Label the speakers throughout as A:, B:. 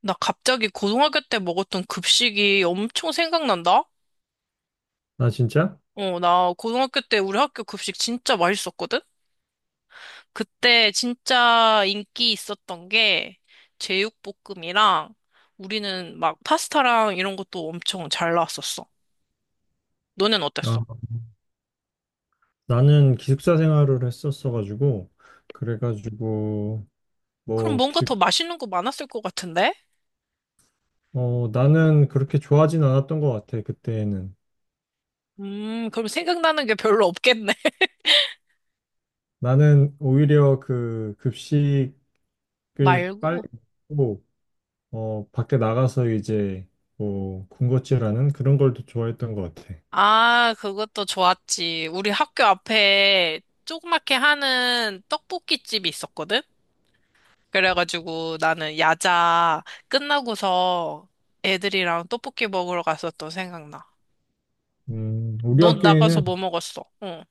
A: 나 갑자기 고등학교 때 먹었던 급식이 엄청 생각난다?
B: 나 진짜?
A: 어, 나 고등학교 때 우리 학교 급식 진짜 맛있었거든? 그때 진짜 인기 있었던 게 제육볶음이랑 우리는 막 파스타랑 이런 것도 엄청 잘 나왔었어. 너넨
B: 아,
A: 어땠어?
B: 나는 기숙사 생활을 했었어가지고, 그래가지고,
A: 그럼
B: 뭐,
A: 뭔가
B: 기,
A: 더 맛있는 거 많았을 것 같은데?
B: 어, 나는 그렇게 좋아하진 않았던 것 같아, 그때는.
A: 그럼 생각나는 게 별로 없겠네.
B: 나는 오히려 그 급식을 빨리
A: 말고.
B: 먹고, 밖에 나가서 이제, 뭐, 군것질하는 그런 걸 더 좋아했던 것 같아.
A: 아, 그것도 좋았지. 우리 학교 앞에 조그맣게 하는 떡볶이집이 있었거든? 그래가지고 나는 야자 끝나고서 애들이랑 떡볶이 먹으러 갔었던 생각나.
B: 음, 우리
A: 넌 나가서
B: 학교에는
A: 뭐 먹었어? 응.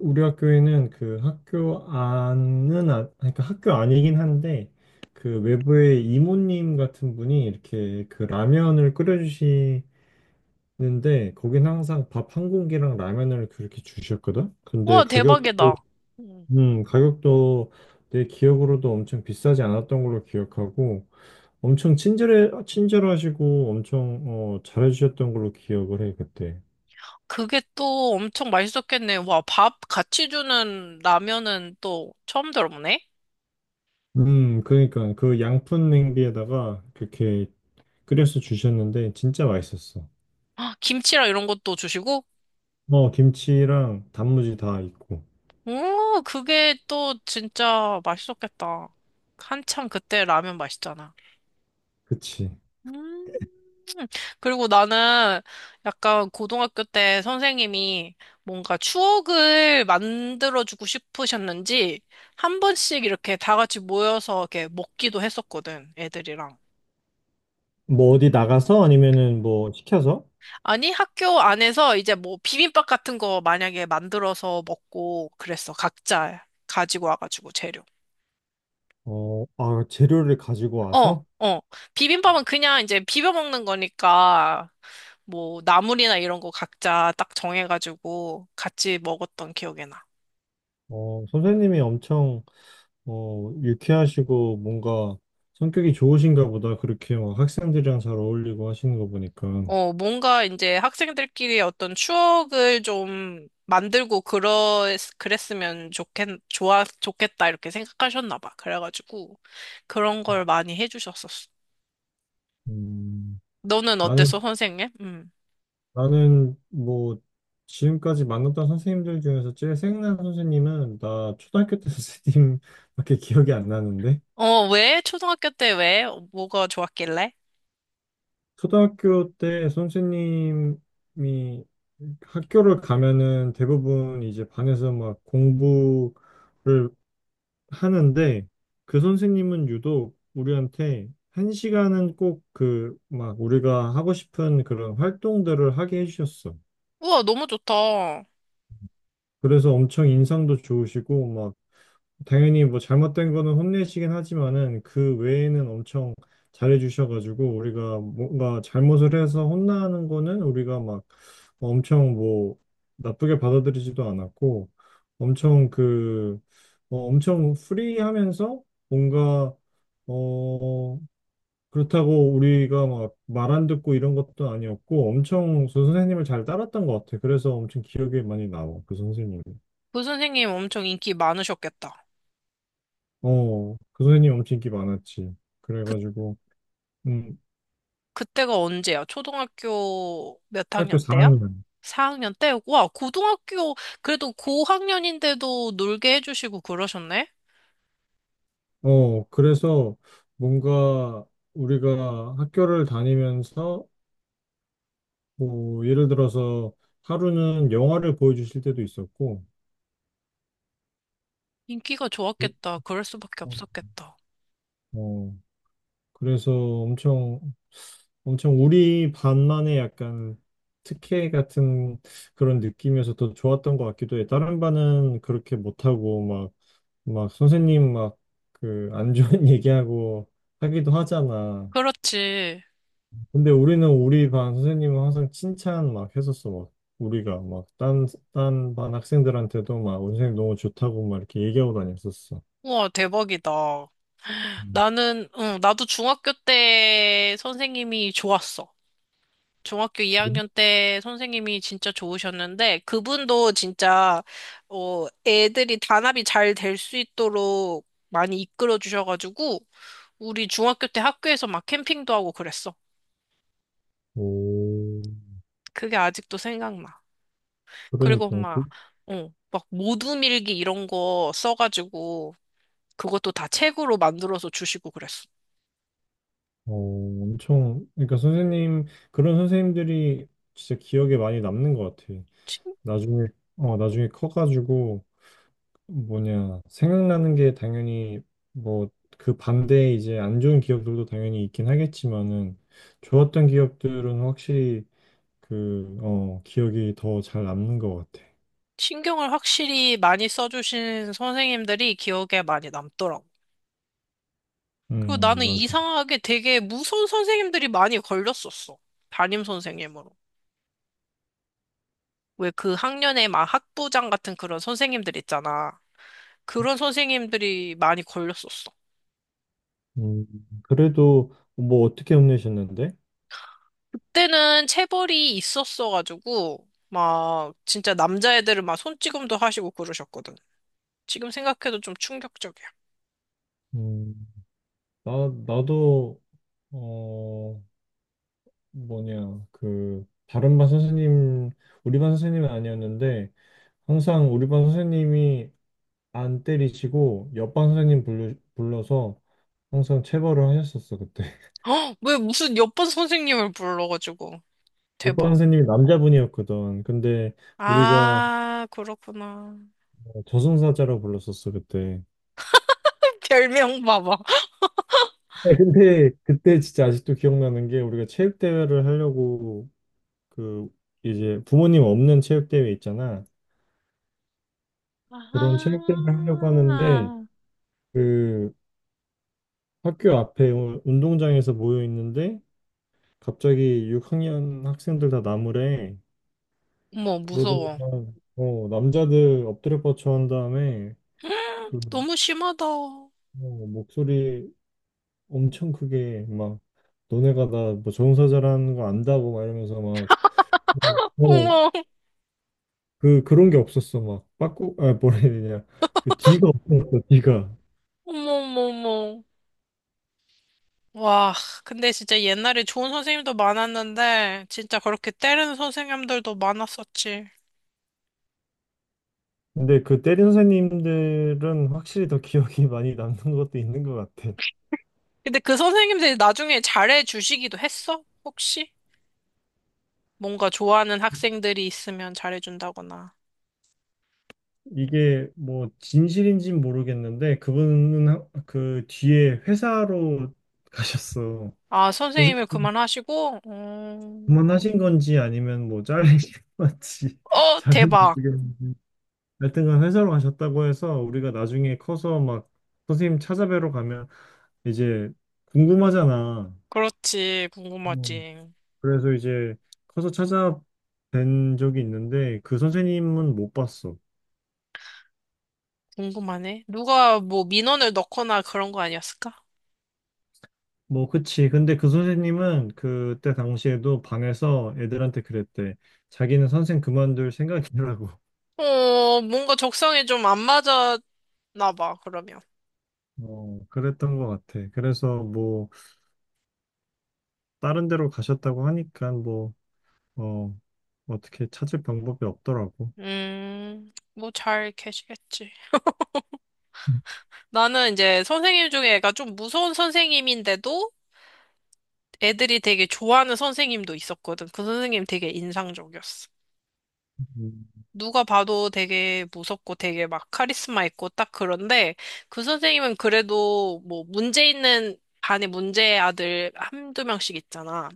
B: 우리 학교에는 그 학교 안은 아, 그러니까 학교 아니긴 한데 그 외부의 이모님 같은 분이 이렇게 그 라면을 끓여주시는데 거긴 항상 밥 한 공기랑 라면을 그렇게 주셨거든. 근데
A: 와,
B: 가격도
A: 대박이다. 응.
B: 가격도 내 기억으로도 엄청 비싸지 않았던 걸로 기억하고 엄청 친절해 친절하시고 엄청 어, 잘해주셨던 걸로 기억을 해 그때.
A: 그게 또 엄청 맛있었겠네. 와, 밥 같이 주는 라면은 또 처음 들어보네.
B: 그러니까 그 양푼 냄비에다가 그렇게 끓여서 주셨는데 진짜 맛있었어.
A: 아, 김치랑 이런 것도 주시고?
B: 어, 김치랑 단무지 다 있고.
A: 오, 그게 또 진짜 맛있었겠다. 한참 그때 라면 맛있잖아.
B: 그치.
A: 음. 그리고 나는 약간 고등학교 때 선생님이 뭔가 추억을 만들어주고 싶으셨는지 한 번씩 이렇게 다 같이 모여서 이렇게 먹기도 했었거든, 애들이랑.
B: 뭐 어디 나가서 아니면은 뭐 시켜서,
A: 아니, 학교 안에서 이제 뭐 비빔밥 같은 거 만약에 만들어서 먹고 그랬어. 각자 가지고 와가지고 재료.
B: 어, 아, 재료를 가지고
A: 어,
B: 와서.
A: 어. 비빔밥은 그냥 이제 비벼 먹는 거니까 뭐 나물이나 이런 거 각자 딱 정해가지고 같이 먹었던 기억이 나.
B: 어, 선생님이 엄청 어, 유쾌하시고 뭔가 성격이 좋으신가 보다. 그렇게 막 학생들이랑 잘 어울리고 하시는 거 보니까.
A: 어, 뭔가 이제 학생들끼리 어떤 추억을 좀 만들고 좋겠다, 이렇게 생각하셨나 봐. 그래가지고, 그런 걸 많이 해주셨었어.
B: 음,
A: 너는 어땠어,
B: 나는
A: 선생님? 음.
B: 나는 뭐 지금까지 만났던 선생님들 중에서 제일 생각나는 선생님은 나 초등학교 때 선생님밖에 기억이 안 나는데.
A: 어, 왜? 초등학교 때 왜? 어, 뭐가 좋았길래?
B: 초등학교 때 선생님이 학교를 가면은 대부분 이제 반에서 막 공부를 하는데 그 선생님은 유독 우리한테 한 시간은 꼭 그 막 우리가 하고 싶은 그런 활동들을 하게 해주셨어.
A: 우와, 너무 좋다.
B: 그래서 엄청 인상도 좋으시고 당연히 뭐 잘못된 거는 혼내시긴 하지만은 그 외에는 엄청 잘해주셔가지고 우리가 뭔가 잘못을 해서 혼나는 거는 우리가 막 엄청 뭐 나쁘게 받아들이지도 않았고 엄청 그 어, 엄청 프리하면서 뭔가 어 그렇다고 우리가 막 말 안 듣고 이런 것도 아니었고 엄청 그 선생님을 잘 따랐던 것 같아. 그래서 엄청 기억에 많이 남아. 그 선생님.
A: 그 선생님 엄청 인기 많으셨겠다.
B: 어, 그 선생님 엄청 인기 많았지.
A: 그
B: 그래가지고, 음,
A: 그때가 언제야? 초등학교 몇 학년
B: 학교
A: 때야?
B: 4학년.
A: 4학년 때? 와, 그래도 고학년인데도 놀게 해주시고 그러셨네?
B: 어, 그래서 뭔가 우리가 학교를 다니면서, 뭐, 예를 들어서 하루는 영화를 보여주실 때도 있었고,
A: 인기가 좋았겠다. 그럴 수밖에
B: 어,
A: 없었겠다.
B: 어, 그래서 엄청, 엄청 우리 반만의 약간 특혜 같은 그런 느낌이어서 더 좋았던 것 같기도 해. 다른 반은 그렇게 못하고, 막 선생님 막 그 안 좋은 얘기하고 하기도 하잖아.
A: 그렇지.
B: 근데 우리는 우리 반 선생님은 항상 칭찬 막 했었어. 막 우리가 딴 반 학생들한테도 막 우리 선생님 너무 좋다고 막 이렇게 얘기하고 다녔었어.
A: 우와, 대박이다.
B: 음.
A: 나는, 응, 나도 중학교 때 선생님이 좋았어. 중학교 2학년 때 선생님이 진짜 좋으셨는데, 그분도 진짜, 어, 애들이 단합이 잘 될 수 있도록 많이 이끌어 주셔가지고, 우리 중학교 때 학교에서 막 캠핑도 하고 그랬어.
B: 오,
A: 그게 아직도 생각나. 그리고
B: 그러니까 그,
A: 막, 어, 막 모두밀기 이런 거 써가지고 그것도 다 책으로 만들어서 주시고 그랬어.
B: 어, 엄청 그러니까 선생님 그런 선생님들이 진짜 기억에 많이 남는 것 같아.
A: 신-
B: 나중에 어 나중에 커가지고 뭐냐, 생각나는 게 당연히 뭐 그 반대에 이제 안 좋은 기억들도 당연히 있긴 하겠지만은 좋았던 기억들은 확실히 그, 어, 기억이 더 잘 남는 것 같아.
A: 신경을 확실히 많이 써주신 선생님들이 기억에 많이 남더라고. 그리고 나는
B: 맞아.
A: 이상하게 되게 무서운 선생님들이 많이 걸렸었어. 담임 선생님으로. 왜 그 학년에 막 학부장 같은 그런 선생님들 있잖아. 그런 선생님들이 많이 걸렸었어.
B: 음, 그래도 뭐 어떻게 혼내셨는데?
A: 그때는 체벌이 있었어가지고 막 진짜 남자애들은 막 손찌검도 하시고 그러셨거든. 지금 생각해도 좀 충격적이야.
B: 음, 나, 나도, 어, 뭐냐, 그, 다른 반 선생님, 우리 반 선생님은 아니었는데 항상 우리 반 선생님이 안 때리시고 옆반 선생님 불러서 항상 체벌을 하셨었어 그때.
A: 헉, 왜 무슨 옆반 선생님을 불러가지고
B: 옆반
A: 대박.
B: 선생님이 남자분이었거든. 근데 우리가
A: 아, 그렇구나.
B: 저승사자라고 불렀었어 그때.
A: 별명 봐봐.
B: 네, 근데 그때 진짜 아직도 기억나는 게 우리가 체육대회를 하려고 그 이제 부모님 없는 체육대회 있잖아. 그런 체육대회를 하려고 하는데
A: 아하.
B: 그 학교 앞에 운동장에서 모여 있는데 갑자기 6학년 학생들 다 나무래.
A: 어머, 무서워.
B: 그러더니만 어, 남자들 엎드려 뻗쳐 한 다음에 그
A: 너무 심하다. 어머,
B: 어, 목소리 엄청 크게 막 너네가 나뭐 정사자라는 거 안다고 막 이러면서 막 어,
A: 어머,
B: 그 그런 게 없었어 막 빠꾸 아 뭐라 해야 되냐 그 뒤가 없었어 뒤가.
A: 어머, 어머. 와, 근데 진짜 옛날에 좋은 선생님도 많았는데, 진짜 그렇게 때리는 선생님들도 많았었지.
B: 근데 그 때린 선생님들은 확실히 더 기억이 많이 남는 것도 있는 것 같아.
A: 근데 그 선생님들이 나중에 잘해주시기도 했어? 혹시? 뭔가 좋아하는 학생들이 있으면 잘해준다거나.
B: 이게 뭐 진실인지는 모르겠는데 그분은 하- 그 뒤에 회사로 가셨어.
A: 아, 선생님을
B: 선생님
A: 그만하시고,
B: 그만하신 건지 아니면 뭐 잘리신 건지
A: 어,
B: 잘은
A: 대박.
B: 모르겠는데 하여튼간 회사로 가셨다고 해서 우리가 나중에 커서 막 선생님 찾아뵈러 가면 이제 궁금하잖아.
A: 그렇지.
B: 음,
A: 궁금하지.
B: 그래서 이제 커서 찾아뵌 적이 있는데 그 선생님은 못 봤어.
A: 궁금하네. 누가 뭐 민원을 넣거나 그런 거 아니었을까?
B: 뭐 그치. 근데 그 선생님은 그때 당시에도 방에서 애들한테 그랬대. 자기는 선생 그만둘 생각이라고.
A: 어, 뭔가 적성에 좀 안 맞았나 봐, 그러면.
B: 어, 그랬던 것 같아. 그래서 뭐 다른 데로 가셨다고 하니까 뭐, 어, 어떻게 찾을 방법이 없더라고.
A: 뭐 잘 계시겠지. 나는 이제 선생님 중에 애가 좀 무서운 선생님인데도 애들이 되게 좋아하는 선생님도 있었거든. 그 선생님 되게 인상적이었어.
B: 음.
A: 누가 봐도 되게 무섭고 되게 막 카리스마 있고 딱 그런데 그 선생님은 그래도 뭐 문제 있는 반에 문제 아들 한두 명씩 있잖아.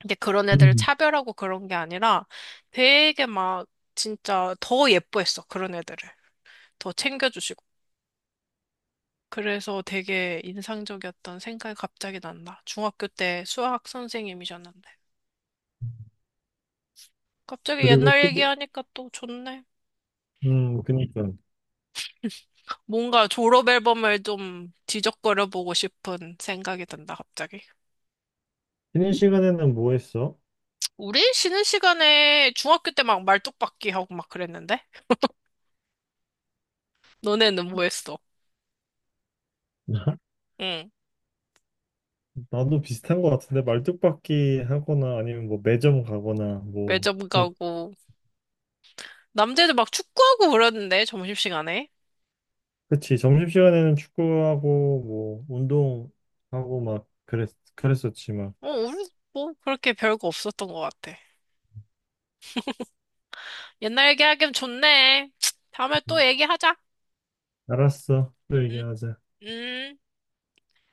A: 근데 그런 애들을
B: 음.
A: 차별하고 그런 게 아니라 되게 막 진짜 더 예뻐했어. 그런 애들을. 더 챙겨주시고. 그래서 되게 인상적이었던 생각이 갑자기 난다. 중학교 때 수학 선생님이셨는데. 갑자기
B: 그리고
A: 옛날
B: 또, 뭐-
A: 얘기하니까 또 좋네.
B: 그니까.
A: 뭔가 졸업 앨범을 좀 뒤적거려 보고 싶은 생각이 든다, 갑자기.
B: 쉬는 시간에는 뭐 했어?
A: 우리 쉬는 시간에 중학교 때 막 말뚝박기 하고 막 그랬는데? 너네는 뭐 했어? 응.
B: 나도 비슷한 것 같은데, 말뚝박기 하거나 아니면 뭐 매점 가거나 뭐,
A: 매점
B: 그,
A: 가고. 남자애들 막 축구하고 그러는데, 점심시간에.
B: 그치. 점심시간에는 축구하고 뭐, 운동하고 막 그랬었지 막.
A: 어, 우리 뭐 그렇게 별거 없었던 것 같아. 옛날 얘기하기엔 좋네. 다음에 또
B: 음.
A: 얘기하자.
B: 알았어. 또
A: 응,
B: 얘기하자.
A: 응.